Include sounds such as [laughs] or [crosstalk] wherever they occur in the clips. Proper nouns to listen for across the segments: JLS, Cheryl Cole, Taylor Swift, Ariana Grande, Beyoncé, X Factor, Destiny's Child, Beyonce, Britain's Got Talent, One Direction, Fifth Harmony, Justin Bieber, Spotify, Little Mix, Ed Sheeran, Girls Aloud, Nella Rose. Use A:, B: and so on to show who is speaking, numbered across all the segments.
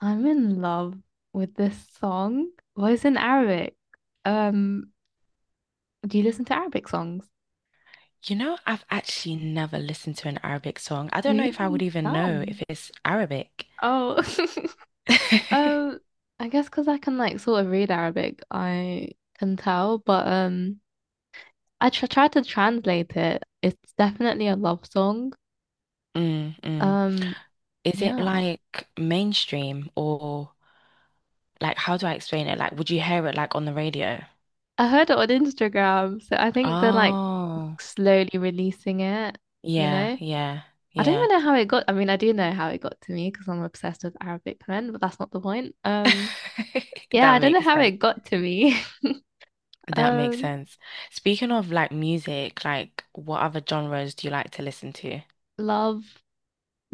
A: I'm in love with this song. Well, it's in Arabic. Um, do you listen to Arabic songs?
B: You know, I've actually never listened to an Arabic song. I don't know if I would
A: Really?
B: even know if
A: None.
B: it's Arabic.
A: Oh. [laughs]
B: [laughs]
A: Um, I guess because I can like sort of read Arabic, I can tell, but I tr try to translate it. It's definitely a love song.
B: Mm, mm.
A: Um,
B: Is it
A: yeah,
B: like mainstream or like how do I explain it? Like, would you hear it like on the radio?
A: I heard it on Instagram, so I think they're like
B: Oh,
A: slowly releasing it, you
B: yeah,
A: know?
B: yeah,
A: I don't
B: yeah.
A: even know how it got. I mean, I do know how it got to me because I'm obsessed with Arabic men, but that's not the point.
B: [laughs]
A: Yeah,
B: That
A: I don't know
B: makes
A: how
B: sense.
A: it got to me. [laughs]
B: That makes
A: Um,
B: sense. Speaking of like music, like what other genres do you like to listen to?
A: Love,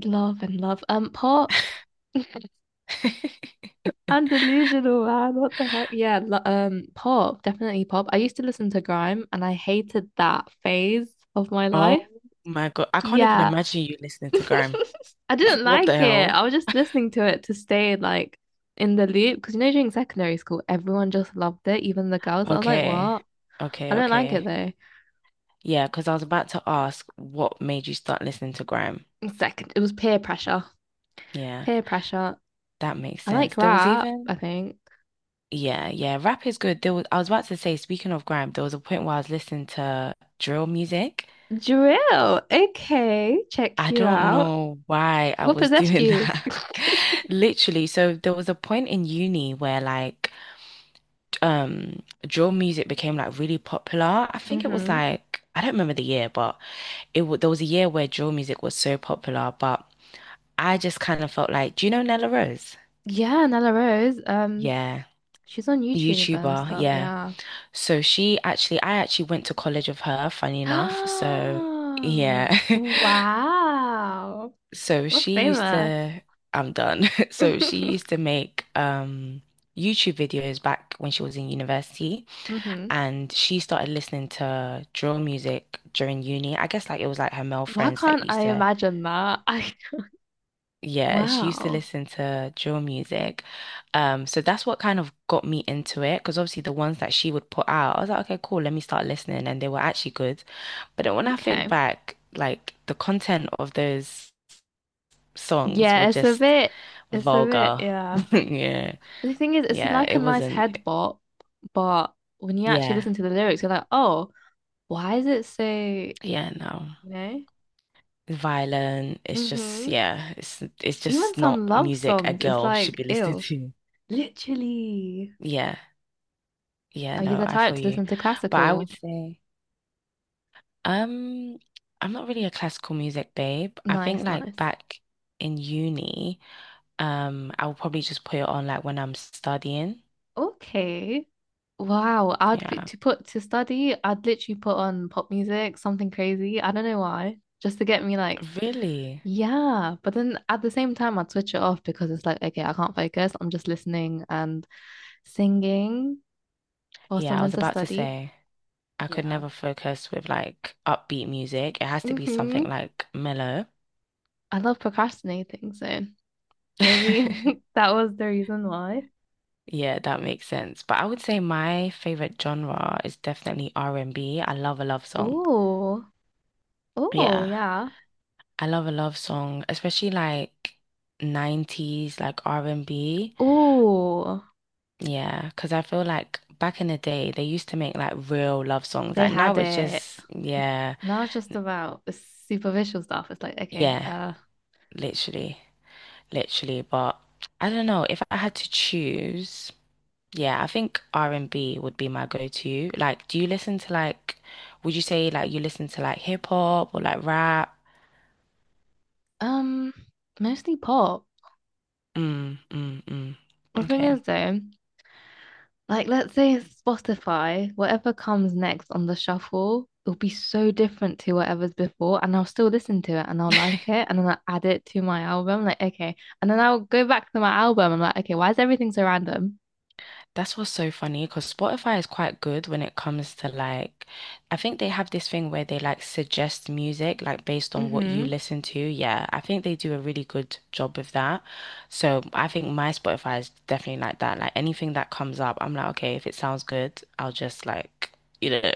A: love, and love. Pop. [laughs]
B: [laughs]
A: I'm delusional, man. What the heck? Yeah, pop, definitely pop. I used to listen to grime, and I hated that phase of my
B: Oh
A: life.
B: my God, I can't even
A: Yeah,
B: imagine you listening
A: [laughs]
B: to Grime.
A: I didn't
B: [laughs] What the
A: like it.
B: hell?
A: I was just listening to it to stay like in the loop because you know during secondary school, everyone just loved it, even the girls. I was like,
B: Okay.
A: what? I
B: Okay,
A: don't like it
B: okay.
A: though.
B: Yeah, because I was about to ask what made you start listening to grime.
A: Second, it was peer pressure.
B: Yeah,
A: Peer pressure.
B: that makes
A: I
B: sense.
A: like
B: There was
A: rap, I
B: even
A: think.
B: yeah, yeah, rap is good. There was I was about to say, speaking of grime, there was a point where I was listening to drill music.
A: Drill. Okay, check
B: I
A: you
B: don't
A: out.
B: know why I
A: What
B: was
A: possessed
B: doing
A: you?
B: that. [laughs] Literally, so there was a point in uni where like drill music became like really popular. I
A: [laughs]
B: think it was
A: hmm
B: like I don't remember the year, but it w there was a year where drill music was so popular, but I just kind of felt like, do you know Nella Rose?
A: Yeah, Nella Rose.
B: Yeah.
A: She's on YouTube and
B: YouTuber,
A: stuff.
B: yeah.
A: Yeah.
B: So she actually, I actually went to college with her, funny enough. So
A: [gasps]
B: yeah.
A: Oh,
B: [laughs]
A: wow.
B: So
A: We're
B: she used
A: famous.
B: to, I'm done. [laughs] So she used to
A: [laughs]
B: make YouTube videos back when she was in university
A: hmm
B: and she started listening to drill music during uni. I guess like it was like her male
A: Why
B: friends that
A: can't I
B: used to
A: imagine that? [laughs] I
B: yeah, she used to
A: Wow.
B: listen to drill music. So that's what kind of got me into it because obviously the ones that she would put out, I was like, okay, cool, let me start listening, and they were actually good. But then when I think
A: Okay.
B: back, like the content of those songs were
A: Yeah, it's a
B: just
A: bit. It's a bit.
B: vulgar.
A: Yeah.
B: [laughs] Yeah,
A: The thing is, it's
B: yeah,
A: like a
B: it
A: nice
B: wasn't.
A: head bop, but when you actually
B: Yeah,
A: listen to the lyrics, you're like, oh, why is it so, you
B: yeah, no.
A: know?
B: Violent. It's just
A: Mm-hmm.
B: yeah, it's
A: Even
B: just not
A: some love
B: music a
A: songs, it's
B: girl should
A: like,
B: be [laughs] listening
A: ew.
B: to.
A: Literally.
B: Yeah, yeah,
A: Are you
B: no,
A: the
B: I
A: type
B: feel
A: to
B: you.
A: listen to
B: But I would
A: classical?
B: say. Um, I'm not really a classical music babe. I
A: Nice,
B: think like
A: nice.
B: back in uni, I'll probably just put it on like when I'm studying.
A: Okay. Wow. I'd be
B: Yeah.
A: to put to study, I'd literally put on pop music, something crazy. I don't know why. Just to get me like.
B: Really?
A: Yeah, but then at the same time, I'd switch it off because it's like, okay, I can't focus. I'm just listening and singing whilst I'm
B: Yeah, I was
A: meant to
B: about to
A: study.
B: say I could
A: Yeah.
B: never focus with like upbeat music. It has to be
A: hmm
B: something like mellow. [laughs]
A: I love procrastinating, so maybe [laughs] that was the reason why.
B: Yeah, that makes sense. But I would say my favorite genre is definitely r and B. I love a love song.
A: Oh, oh,
B: Yeah,
A: yeah.
B: I love a love song, especially like 90s like R&B.
A: Oh,
B: Yeah, because I feel like back in the day, they used to make like real love songs.
A: they
B: Like
A: had
B: now it's
A: it.
B: just,
A: N-
B: yeah,
A: Now it's just about the superficial stuff. It's like, okay,
B: yeah, literally, literally. But I don't know, if I had to choose, yeah, I think R&B would be my go-to. Like, do you listen to like, would you say like you listen to like hip hop or like rap?
A: um, mostly pop.
B: Mm, mm, mm.
A: The thing is,
B: Okay.
A: though, like, let's say Spotify, whatever comes next on the shuffle, it'll be so different to whatever's before, and I'll still listen to it and I'll like it, and then I'll add it to my album. Like, okay. And then I'll go back to my album. I'm like, okay, why is everything so random?
B: That's what's so funny because Spotify is quite good when it comes to like, I think they have this thing where they like suggest music like based on what you
A: Mm-hmm.
B: listen to. Yeah, I think they do a really good job with that. So I think my Spotify is definitely like that. Like anything that comes up, I'm like, okay, if it sounds good, I'll just like, you know,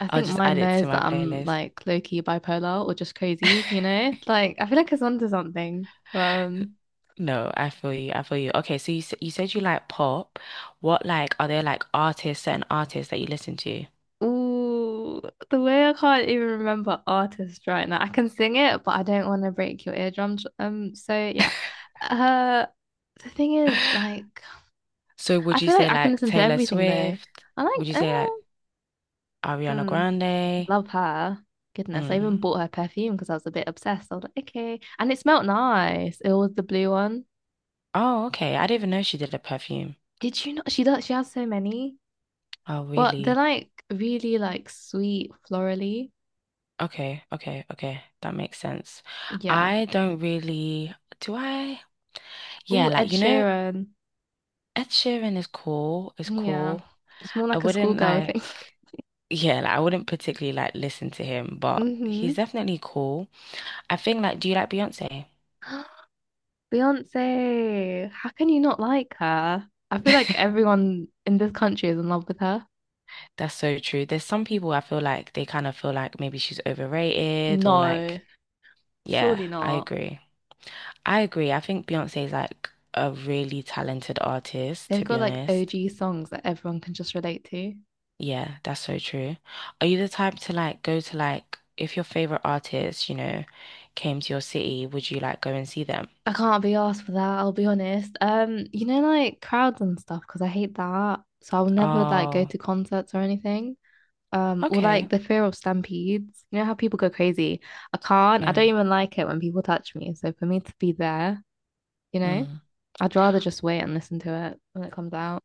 A: I
B: I'll
A: think
B: just
A: mine
B: add it to
A: knows
B: my
A: that I'm
B: playlist.
A: like low-key bipolar or just crazy,
B: [laughs]
A: you know? Like, I feel like it's onto something. Um,
B: No, I feel you. I feel you. Okay, so you said you like pop. What like are there like artists, certain artists that you listen to?
A: Ooh, the way I can't even remember artists right now. I can sing it, but I don't want to break your eardrums. So yeah. Uh, the thing is,
B: [laughs]
A: like,
B: So
A: I
B: would you
A: feel like
B: say
A: I can
B: like
A: listen to
B: Taylor
A: everything though.
B: Swift?
A: I like,
B: Would you say like Ariana
A: hmm,
B: Grande?
A: love her. Goodness, I even
B: Mm.
A: bought her perfume because I was a bit obsessed. I was like, okay, and it smelled nice. It was the blue one.
B: Oh, okay. I didn't even know she did a perfume.
A: Did you not? She does. She has so many,
B: Oh,
A: but they're
B: really?
A: like really like sweet, florally.
B: Okay, okay, okay. That makes sense.
A: Yeah.
B: I don't really, do I? Yeah,
A: Ooh, Ed
B: like you know,
A: Sheeran.
B: Ed Sheeran is cool, is
A: Yeah.
B: cool.
A: It's more
B: I
A: like a
B: wouldn't
A: schoolgirl
B: like
A: thing. [laughs]
B: yeah, like I wouldn't particularly like listen to him, but he's
A: hmm
B: definitely cool. I think like do you like Beyonce?
A: [gasps] Beyonce, how can you not like her? I feel like everyone in this country is in love with her.
B: That's so true. There's some people I feel like they kind of feel like maybe she's overrated or
A: No,
B: like, yeah,
A: surely
B: I
A: not.
B: agree. I agree. I think Beyonce is like a really talented artist,
A: They've
B: to
A: got
B: be
A: like
B: honest.
A: OG songs that everyone can just relate to.
B: Yeah, that's so true. Are you the type to like go to like if your favorite artist, you know, came to your city, would you like go and see them?
A: I can't be asked for that, I'll be honest. You know, like crowds and stuff, because I hate that. So I'll never like go
B: Oh,
A: to concerts or anything. Or like
B: okay.
A: the fear of stampedes. You know how people go crazy. I can't. I
B: Yeah.
A: don't even like it when people touch me. So for me to be there, you know,
B: Mm.
A: I'd rather just wait and listen to it when it comes out.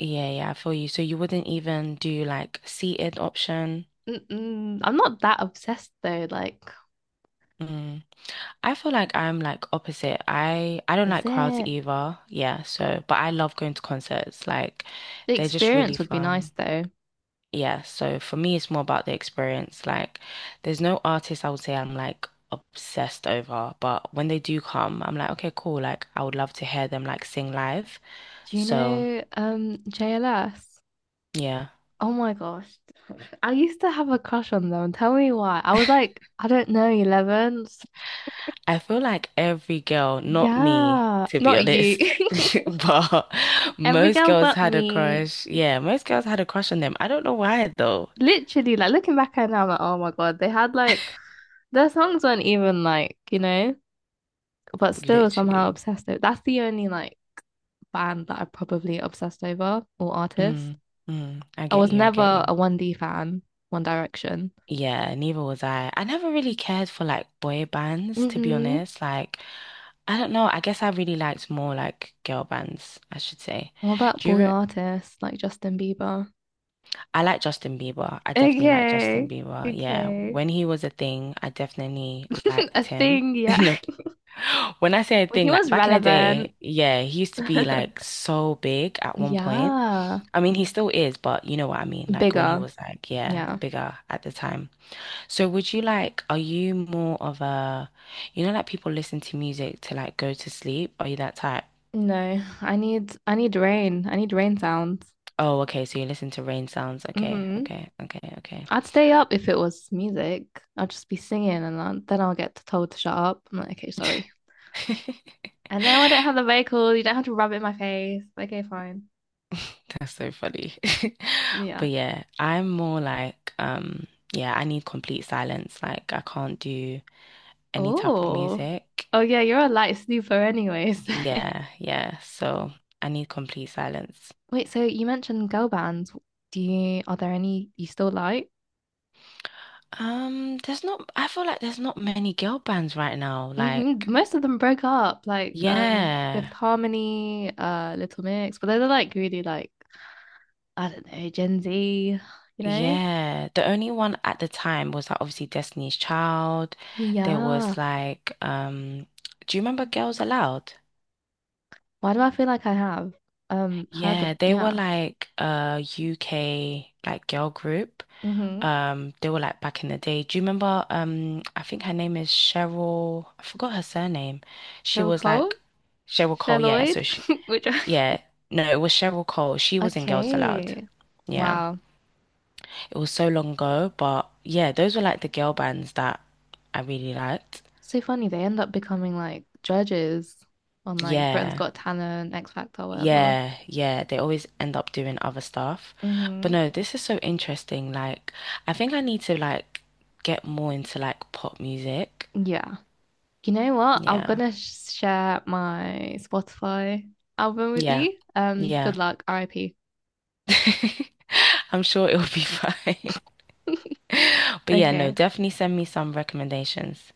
B: Yeah, yeah, I feel you. So you wouldn't even do like seated option?
A: Mm-mm. I'm not that obsessed though. Like,
B: Mm. I feel like I'm like opposite. I don't
A: is
B: like crowds
A: it?
B: either. Yeah, so but I love going to concerts. Like
A: The
B: they're just really
A: experience would be
B: fun.
A: nice though.
B: Yeah, so for me it's more about the experience. Like there's no artist I would say I'm like obsessed over, but when they do come, I'm like, okay, cool. Like I would love to hear them like sing live.
A: Do you
B: So,
A: know JLS?
B: yeah.
A: Oh my gosh. [laughs] I used to have a crush on them. Tell me why. I was like, I don't know, 11.
B: I feel like every girl, not me,
A: Yeah,
B: to be
A: not you.
B: honest. [laughs] But
A: [laughs] Every
B: most
A: girl
B: girls
A: but
B: had a
A: me.
B: crush. Yeah, most girls had a crush on them. I don't know why though.
A: Literally, like looking back at it now, I'm like, oh my God, they had like their songs weren't even like, you know, but still somehow
B: Literally.
A: obsessed over. That's the only like band that I probably obsessed over or artist.
B: Mm, mm, I
A: I
B: get
A: was
B: you. I get
A: never
B: you.
A: a 1D fan, One Direction.
B: Yeah, neither was I. I never really cared for like boy bands, to be
A: Mm-hmm.
B: honest. Like, I don't know. I guess I really liked more like girl bands, I should say.
A: What about
B: Do you
A: boy
B: re
A: artists like Justin Bieber?
B: I like Justin Bieber. I definitely like Justin
A: Okay,
B: Bieber. Yeah,
A: okay.
B: when he was a thing, I definitely
A: [laughs] A
B: liked him.
A: thing,
B: [laughs]
A: yeah.
B: No,
A: [laughs]
B: when I say a
A: When he
B: thing, like
A: was
B: back in the
A: relevant.
B: day, yeah, he used to be like
A: [laughs]
B: so big at one point.
A: Yeah.
B: I mean, he still is, but you know what I mean. Like when he
A: Bigger.
B: was like, yeah,
A: Yeah.
B: bigger at the time. So would you like, are you more of a, you know, like people listen to music to like go to sleep? Are you that type?
A: No, I need rain. I need rain sounds.
B: Oh, okay. So you listen to rain sounds. Okay,
A: Hmm
B: okay, okay, okay.
A: I'd stay up if it was music. I'll just be singing then I'll get told to shut up. I'm like, okay, sorry.
B: [laughs]
A: And now I don't have the vehicle. You don't have to rub it in my face. Okay, fine.
B: That's so funny. [laughs]
A: Yeah.
B: But yeah, I'm more like, yeah, I need complete silence. Like I can't do any type of
A: Oh.
B: music.
A: Oh yeah, you're a light sleeper anyways.
B: Yeah, yeah. So I need complete silence.
A: [laughs] Wait, so you mentioned girl bands. Do you Are there any you still like?
B: There's not, I feel like there's not many girl bands right now.
A: Hmm
B: Like,
A: Most of them broke up, like Fifth
B: yeah,
A: Harmony, Little Mix, but they're like really like. I don't know, Gen Z, you know?
B: yeah. The only one at the time was like obviously Destiny's Child.
A: Oh,
B: There
A: yeah.
B: was like, do you remember Girls Aloud?
A: Why do I feel like I have heard the.
B: Yeah, they were
A: Yeah.
B: like a UK like girl group.
A: Mm-hmm.
B: They were like back in the day. Do you remember? I think her name is Cheryl. I forgot her surname. She
A: Cheryl
B: was
A: Cole?
B: like Cheryl Cole. Yeah,
A: Sherloid?
B: so she,
A: [laughs] Which I-
B: yeah, no, it was Cheryl Cole. She was in Girls Aloud.
A: Okay.
B: Yeah,
A: Wow.
B: it was so long ago, but yeah, those were like the girl bands that I really liked.
A: So funny they end up becoming like judges on like Britain's
B: Yeah,
A: Got Talent, X Factor, whatever.
B: yeah, yeah. They always end up doing other stuff. But
A: Mm-hmm.
B: no, this is so interesting. Like, I think I need to like get more into like pop music.
A: Yeah. You know what? I'm
B: Yeah,
A: gonna share my Spotify album with
B: yeah,
A: you. Good
B: yeah.
A: luck, RIP.
B: I'm sure it'll be [laughs] fine.
A: [laughs]
B: But yeah, no,
A: Okay.
B: definitely send me some recommendations.